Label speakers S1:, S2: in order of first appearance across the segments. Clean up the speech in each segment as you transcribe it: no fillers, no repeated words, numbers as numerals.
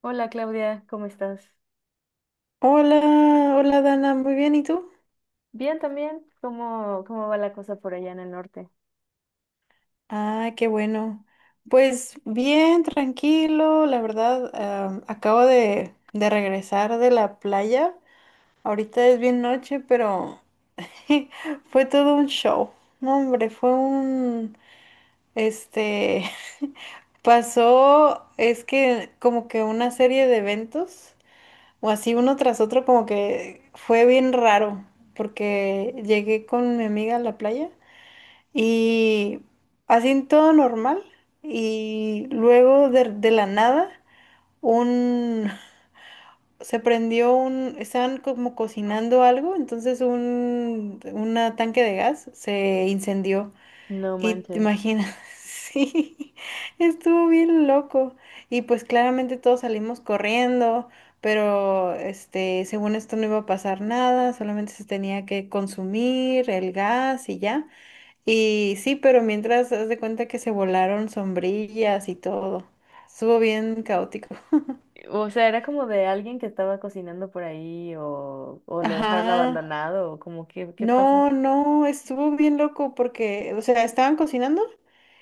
S1: Hola Claudia, ¿cómo estás?
S2: Hola, hola Dana, muy bien, ¿y tú?
S1: Bien también. ¿Cómo va la cosa por allá en el norte?
S2: Ah, qué bueno. Pues bien, tranquilo, la verdad, acabo de regresar de la playa. Ahorita es bien noche, pero fue todo un show. No, hombre, este, pasó, es que como que una serie de eventos, o así uno tras otro, como que fue bien raro, porque llegué con mi amiga a la playa. Y así todo normal. Y luego de la nada, un se prendió estaban como cocinando algo, entonces una tanque de gas se incendió.
S1: No
S2: Y te
S1: manches.
S2: imaginas, sí, estuvo bien loco. Y pues claramente todos salimos corriendo, pero según esto no iba a pasar nada, solamente se tenía que consumir el gas y ya. Y sí, pero mientras haz de cuenta que se volaron sombrillas y todo. Estuvo bien caótico.
S1: O sea, ¿era como de alguien que estaba cocinando por ahí o lo dejaron
S2: Ajá.
S1: abandonado o como qué, qué pasa?
S2: No, no, estuvo bien loco porque, o sea, estaban cocinando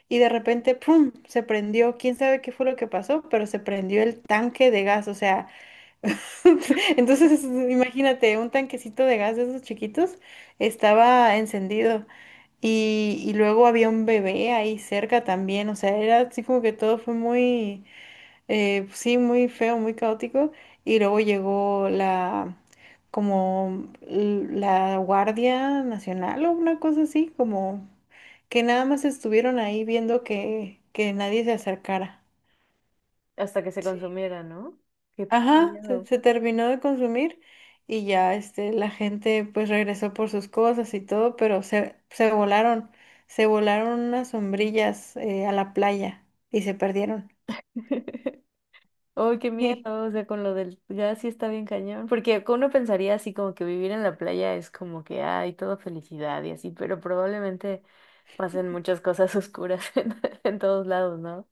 S2: y de repente, ¡pum! Se prendió. Quién sabe qué fue lo que pasó, pero se prendió el tanque de gas. O sea, entonces imagínate, un tanquecito de gas de esos chiquitos estaba encendido. Y luego había un bebé ahí cerca también. O sea, era así como que todo fue muy, sí, muy feo, muy caótico. Y luego llegó como la Guardia Nacional o una cosa así, como que nada más estuvieron ahí viendo que nadie se acercara.
S1: Hasta que se
S2: Sí.
S1: consumiera, ¿no? Qué
S2: Ajá, se,
S1: miedo.
S2: se terminó de consumir y ya la gente pues regresó por sus cosas y todo, pero se volaron unas sombrillas a la playa y se perdieron.
S1: Oh, qué miedo, o sea, con lo del gas sí está bien cañón, porque uno pensaría así como que vivir en la playa es como que hay todo felicidad y así, pero probablemente pasen muchas cosas oscuras en todos lados, ¿no?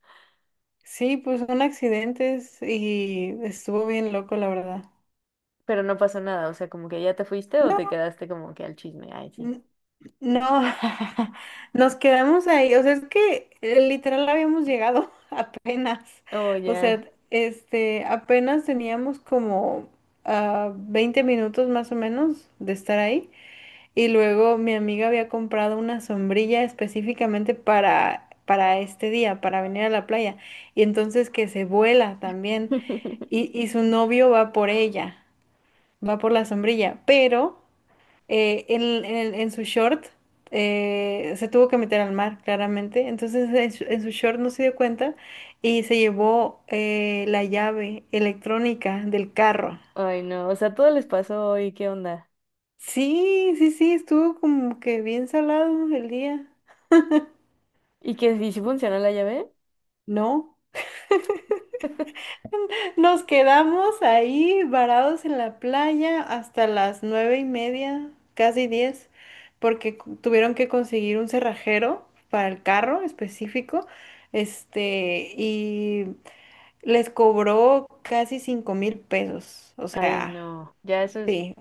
S2: Sí, pues son accidentes y estuvo bien loco, la verdad.
S1: Pero no pasó nada, o sea, como que ya te fuiste o te
S2: No,
S1: quedaste como que al chisme. Ay, sí.
S2: n- no, nos quedamos ahí, o sea, es que literal habíamos llegado apenas,
S1: Oh,
S2: o
S1: ya.
S2: sea, apenas teníamos como 20 minutos más o menos de estar ahí y luego mi amiga había comprado una sombrilla específicamente para este día, para venir a la playa y entonces que se vuela también y, y su novio va por ella. Va por la sombrilla, pero en su short se tuvo que meter al mar, claramente. Entonces en su short no se dio cuenta y se llevó la llave electrónica del carro.
S1: Ay, no, o sea, todo les pasó hoy, ¿qué onda?
S2: Sí, sí, sí, estuvo como que bien salado el día,
S1: ¿Y que si funcionó la llave?
S2: ¿no? Nos quedamos ahí varados en la playa hasta las 9:30, casi 10, porque tuvieron que conseguir un cerrajero para el carro específico, y les cobró casi 5,000 pesos. O
S1: Ay,
S2: sea,
S1: no, ya eso es,
S2: sí,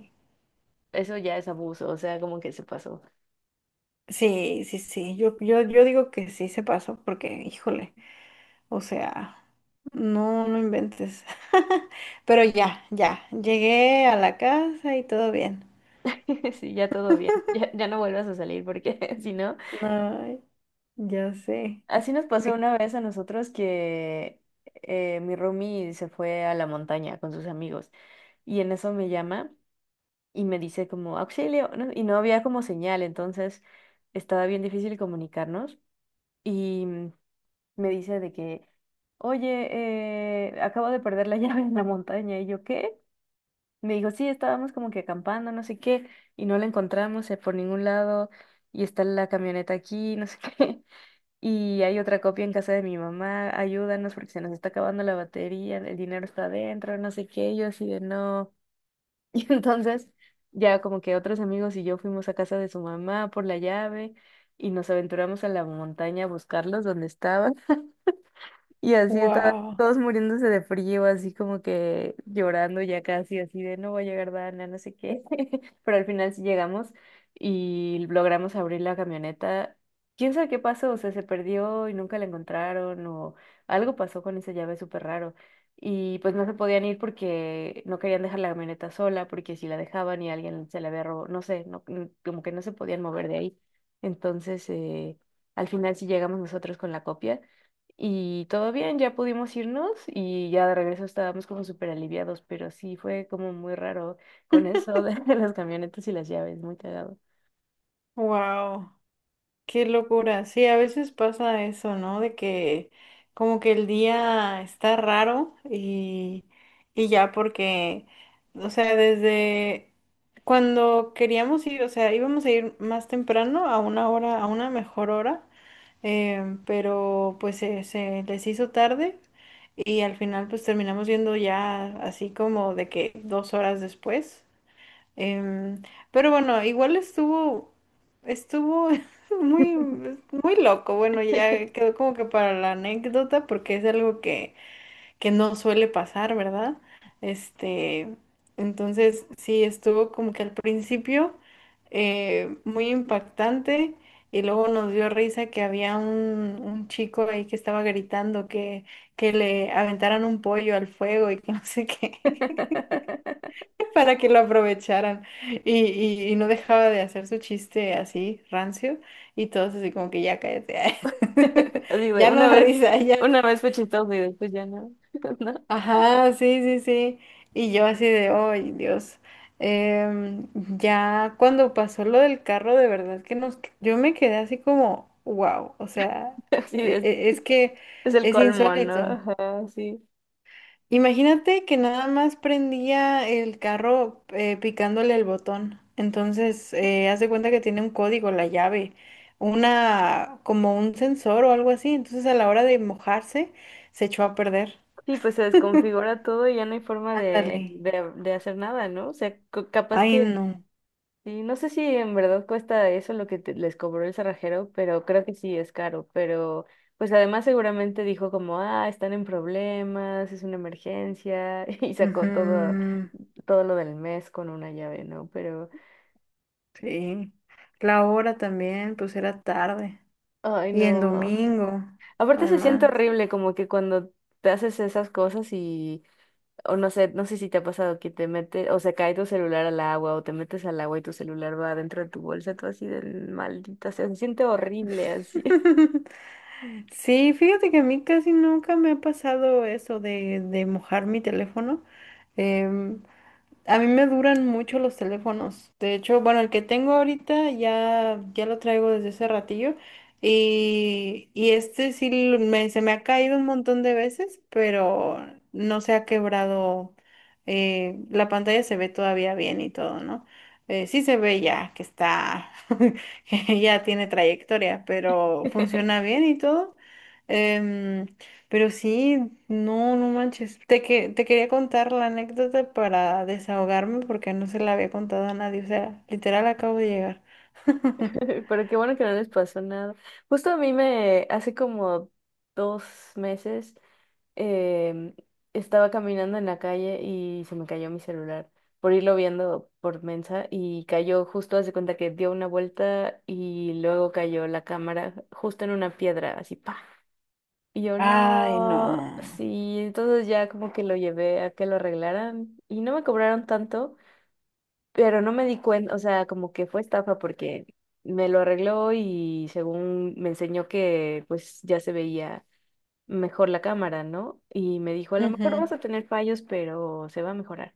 S1: eso ya es abuso, o sea, como que se pasó.
S2: sí, sí, sí. Yo digo que sí se pasó, porque, híjole, o sea, no, no inventes. Pero ya, ya, llegué a la casa y todo bien.
S1: Sí, ya todo bien, ya, ya no vuelvas a salir porque si no,
S2: Ay, ya sé.
S1: así nos pasó una vez a nosotros que mi roomie se fue a la montaña con sus amigos y en eso me llama. Y me dice como auxilio, ¿no? Y no había como señal, entonces estaba bien difícil comunicarnos y me dice de oye, acabo de perder la llave en la montaña y yo, ¿qué? Me dijo, sí, estábamos como que acampando, no sé qué, y no la encontramos por ningún lado y está la camioneta aquí, no sé qué. Y hay otra copia en casa de mi mamá, ayúdanos porque se nos está acabando la batería, el dinero está adentro, no sé qué, y yo así de no. Y entonces ya como que otros amigos y yo fuimos a casa de su mamá por la llave y nos aventuramos a la montaña a buscarlos donde estaban. Y así estaban
S2: Wow,
S1: todos muriéndose de frío, así como que llorando ya casi, así de no va a llegar Dana, no sé qué. Pero al final sí llegamos y logramos abrir la camioneta. ¿Quién sabe qué pasó? O sea, se perdió y nunca la encontraron o algo pasó con esa llave súper raro. Y pues no se podían ir porque no querían dejar la camioneta sola, porque si la dejaban y alguien se la había robado, no sé, no, como que no se podían mover de ahí. Entonces, al final sí llegamos nosotros con la copia. Y todo bien, ya pudimos irnos y ya de regreso estábamos como súper aliviados, pero sí fue como muy raro con eso de las camionetas y las llaves, muy cagado.
S2: wow, qué locura. Sí, a veces pasa eso, ¿no? De que como que el día está raro y ya porque, o sea, desde cuando queríamos ir, o sea, íbamos a ir más temprano a una hora, a una mejor hora, pero pues se les hizo tarde y al final pues terminamos yendo ya así como de que 2 horas después. Em, pero bueno, igual estuvo muy, muy loco. Bueno, ya quedó como que para la anécdota porque es algo que no suele pasar, ¿verdad? Este, entonces sí, estuvo como que al principio muy impactante y luego nos dio risa que había un chico ahí que estaba gritando que le aventaran un pollo al fuego y que no sé qué para que lo aprovecharan. Y no dejaba de hacer su chiste así, rancio, y todos así como que ya cállate.
S1: Así de,
S2: Ya no da risa, ya.
S1: una vez fue chistoso y después ya no, ¿no?
S2: Ajá, sí, sí, sí. Y yo así de, ay, Dios. Em, ya cuando pasó lo del carro, de verdad que nos, yo me quedé así como, wow, o sea,
S1: Así
S2: e- e- es que
S1: es el
S2: es
S1: colmo, ¿no?
S2: insólito.
S1: Ajá, sí.
S2: Imagínate que nada más prendía el carro picándole el botón. Entonces, haz de cuenta que tiene un código, la llave, como un sensor o algo así. Entonces, a la hora de mojarse, se echó a perder.
S1: Sí, pues se desconfigura todo y ya no hay forma de,
S2: Ándale.
S1: de hacer nada, ¿no? O sea, co- capaz
S2: Ay,
S1: que
S2: no.
S1: y no sé si en verdad cuesta eso lo que te- les cobró el cerrajero, pero creo que sí es caro. Pero pues además seguramente dijo como, ah, están en problemas, es una emergencia, y sacó todo,
S2: Ujú,
S1: todo lo del mes con una llave, ¿no? Pero,
S2: sí. La hora también, pues era tarde.
S1: ay,
S2: Y en
S1: no.
S2: domingo,
S1: Aparte se siente
S2: además.
S1: horrible como que cuando te haces esas cosas y, o no sé, no sé si te ha pasado que te mete, o se cae tu celular al agua, o te metes al agua y tu celular va dentro de tu bolsa, tú así de maldita sea, se siente horrible así.
S2: Sí, fíjate que a mí casi nunca me ha pasado eso de mojar mi teléfono. em, a mí me duran mucho los teléfonos. De hecho, bueno, el que tengo ahorita ya lo traigo desde ese ratillo. Y este sí se me ha caído un montón de veces, pero no se ha quebrado. La pantalla se ve todavía bien y todo, ¿no? Sí se ve ya que está, que ya tiene trayectoria, pero funciona bien y todo. Em, pero sí, no, no manches. Te quería contar la anécdota para desahogarme porque no se la había contado a nadie. O sea, literal acabo de llegar.
S1: Pero qué bueno que no les pasó nada. Justo a mí me, hace como dos meses, em, estaba caminando en la calle y se me cayó mi celular por irlo viendo por Mensa y cayó justo, hace cuenta que dio una vuelta y luego cayó la cámara justo en una piedra, así, pa. Y yo
S2: Ay,
S1: no,
S2: no.
S1: sí, entonces ya como que lo llevé a que lo arreglaran y no me cobraron tanto. Pero no me di cuenta, o sea, como que fue estafa porque me lo arregló y según me enseñó que pues ya se veía mejor la cámara, ¿no? Y me dijo, a lo mejor
S2: Ujú.
S1: vas a tener fallos, pero se va a mejorar.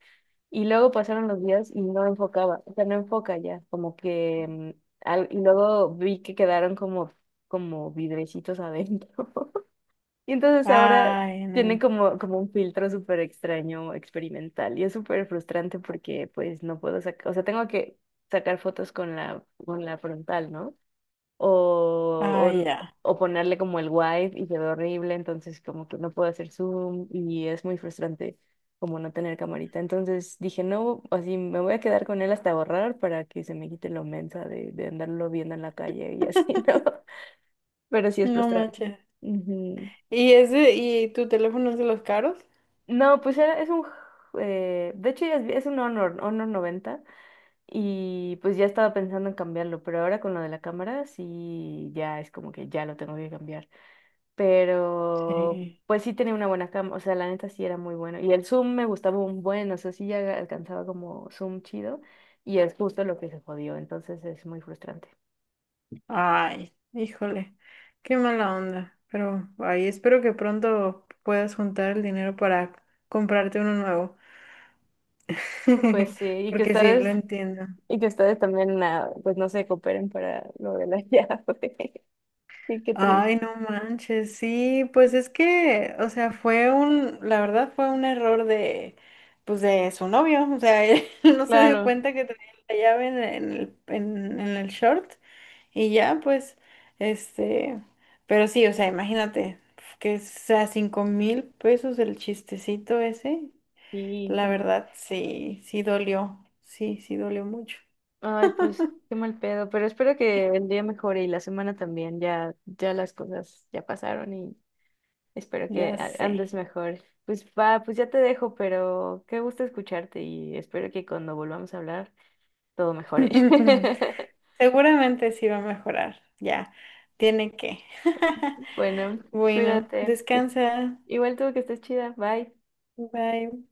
S1: Y luego pasaron los días y no enfocaba, o sea, no enfoca ya, como que... al- y luego vi que quedaron como, como vidrecitos adentro. Y entonces ahora
S2: Ay,
S1: tienen
S2: no.
S1: como, como un filtro súper extraño, experimental, y es súper frustrante porque pues no puedo sacar, o sea, tengo que sacar fotos con la frontal, ¿no? O, o,
S2: Ay,
S1: n-
S2: ya.
S1: o ponerle como el wide y se ve horrible, entonces como que no puedo hacer zoom y es muy frustrante como no tener camarita. Entonces dije, no, así me voy a quedar con él hasta borrar para que se me quite lo mensa de andarlo viendo en la calle y así, ¿no? Pero sí es
S2: No
S1: frustrante.
S2: manches.
S1: Ujú.
S2: ¿Y tu teléfono es de los caros?
S1: No, pues era, es un... de hecho ya es un Honor, Honor 90 y pues ya estaba pensando en cambiarlo, pero ahora con lo de la cámara sí ya es como que ya lo tengo que cambiar. Pero
S2: Sí.
S1: pues sí tenía una buena cámara, o sea, la neta sí era muy bueno. Y el zoom me gustaba un buen, o sea, sí ya alcanzaba como zoom chido y es justo lo que se jodió, entonces es muy frustrante.
S2: Ay, híjole. Qué mala onda. Pero, ay, espero que pronto puedas juntar el dinero para comprarte uno nuevo.
S1: Pues sí,
S2: Porque sí, lo entiendo.
S1: y que ustedes también, ah, pues no se cooperen para lo de la llave. Sí, qué triste.
S2: Ay, no manches, sí, pues es que, o sea, la verdad fue un error pues de su novio, o sea, él no se dio
S1: Claro.
S2: cuenta que tenía la llave en el short y ya, pues, este, pero sí, o sea, imagínate, que sea 5,000 pesos el chistecito ese,
S1: Sí,
S2: la
S1: qué-
S2: verdad sí, sí dolió mucho,
S1: ay, pues qué mal pedo, pero espero que el día mejore y la semana también, ya, ya las cosas ya pasaron y espero que
S2: ya
S1: a-
S2: sé.
S1: andes mejor. Pues va, pues ya te dejo, pero qué gusto escucharte y espero que cuando volvamos a hablar todo mejore.
S2: Seguramente sí va a mejorar. Ya, tiene que.
S1: Bueno,
S2: Bueno,
S1: cuídate. Que-
S2: descansa.
S1: igual tú que estés chida, bye.
S2: Bye.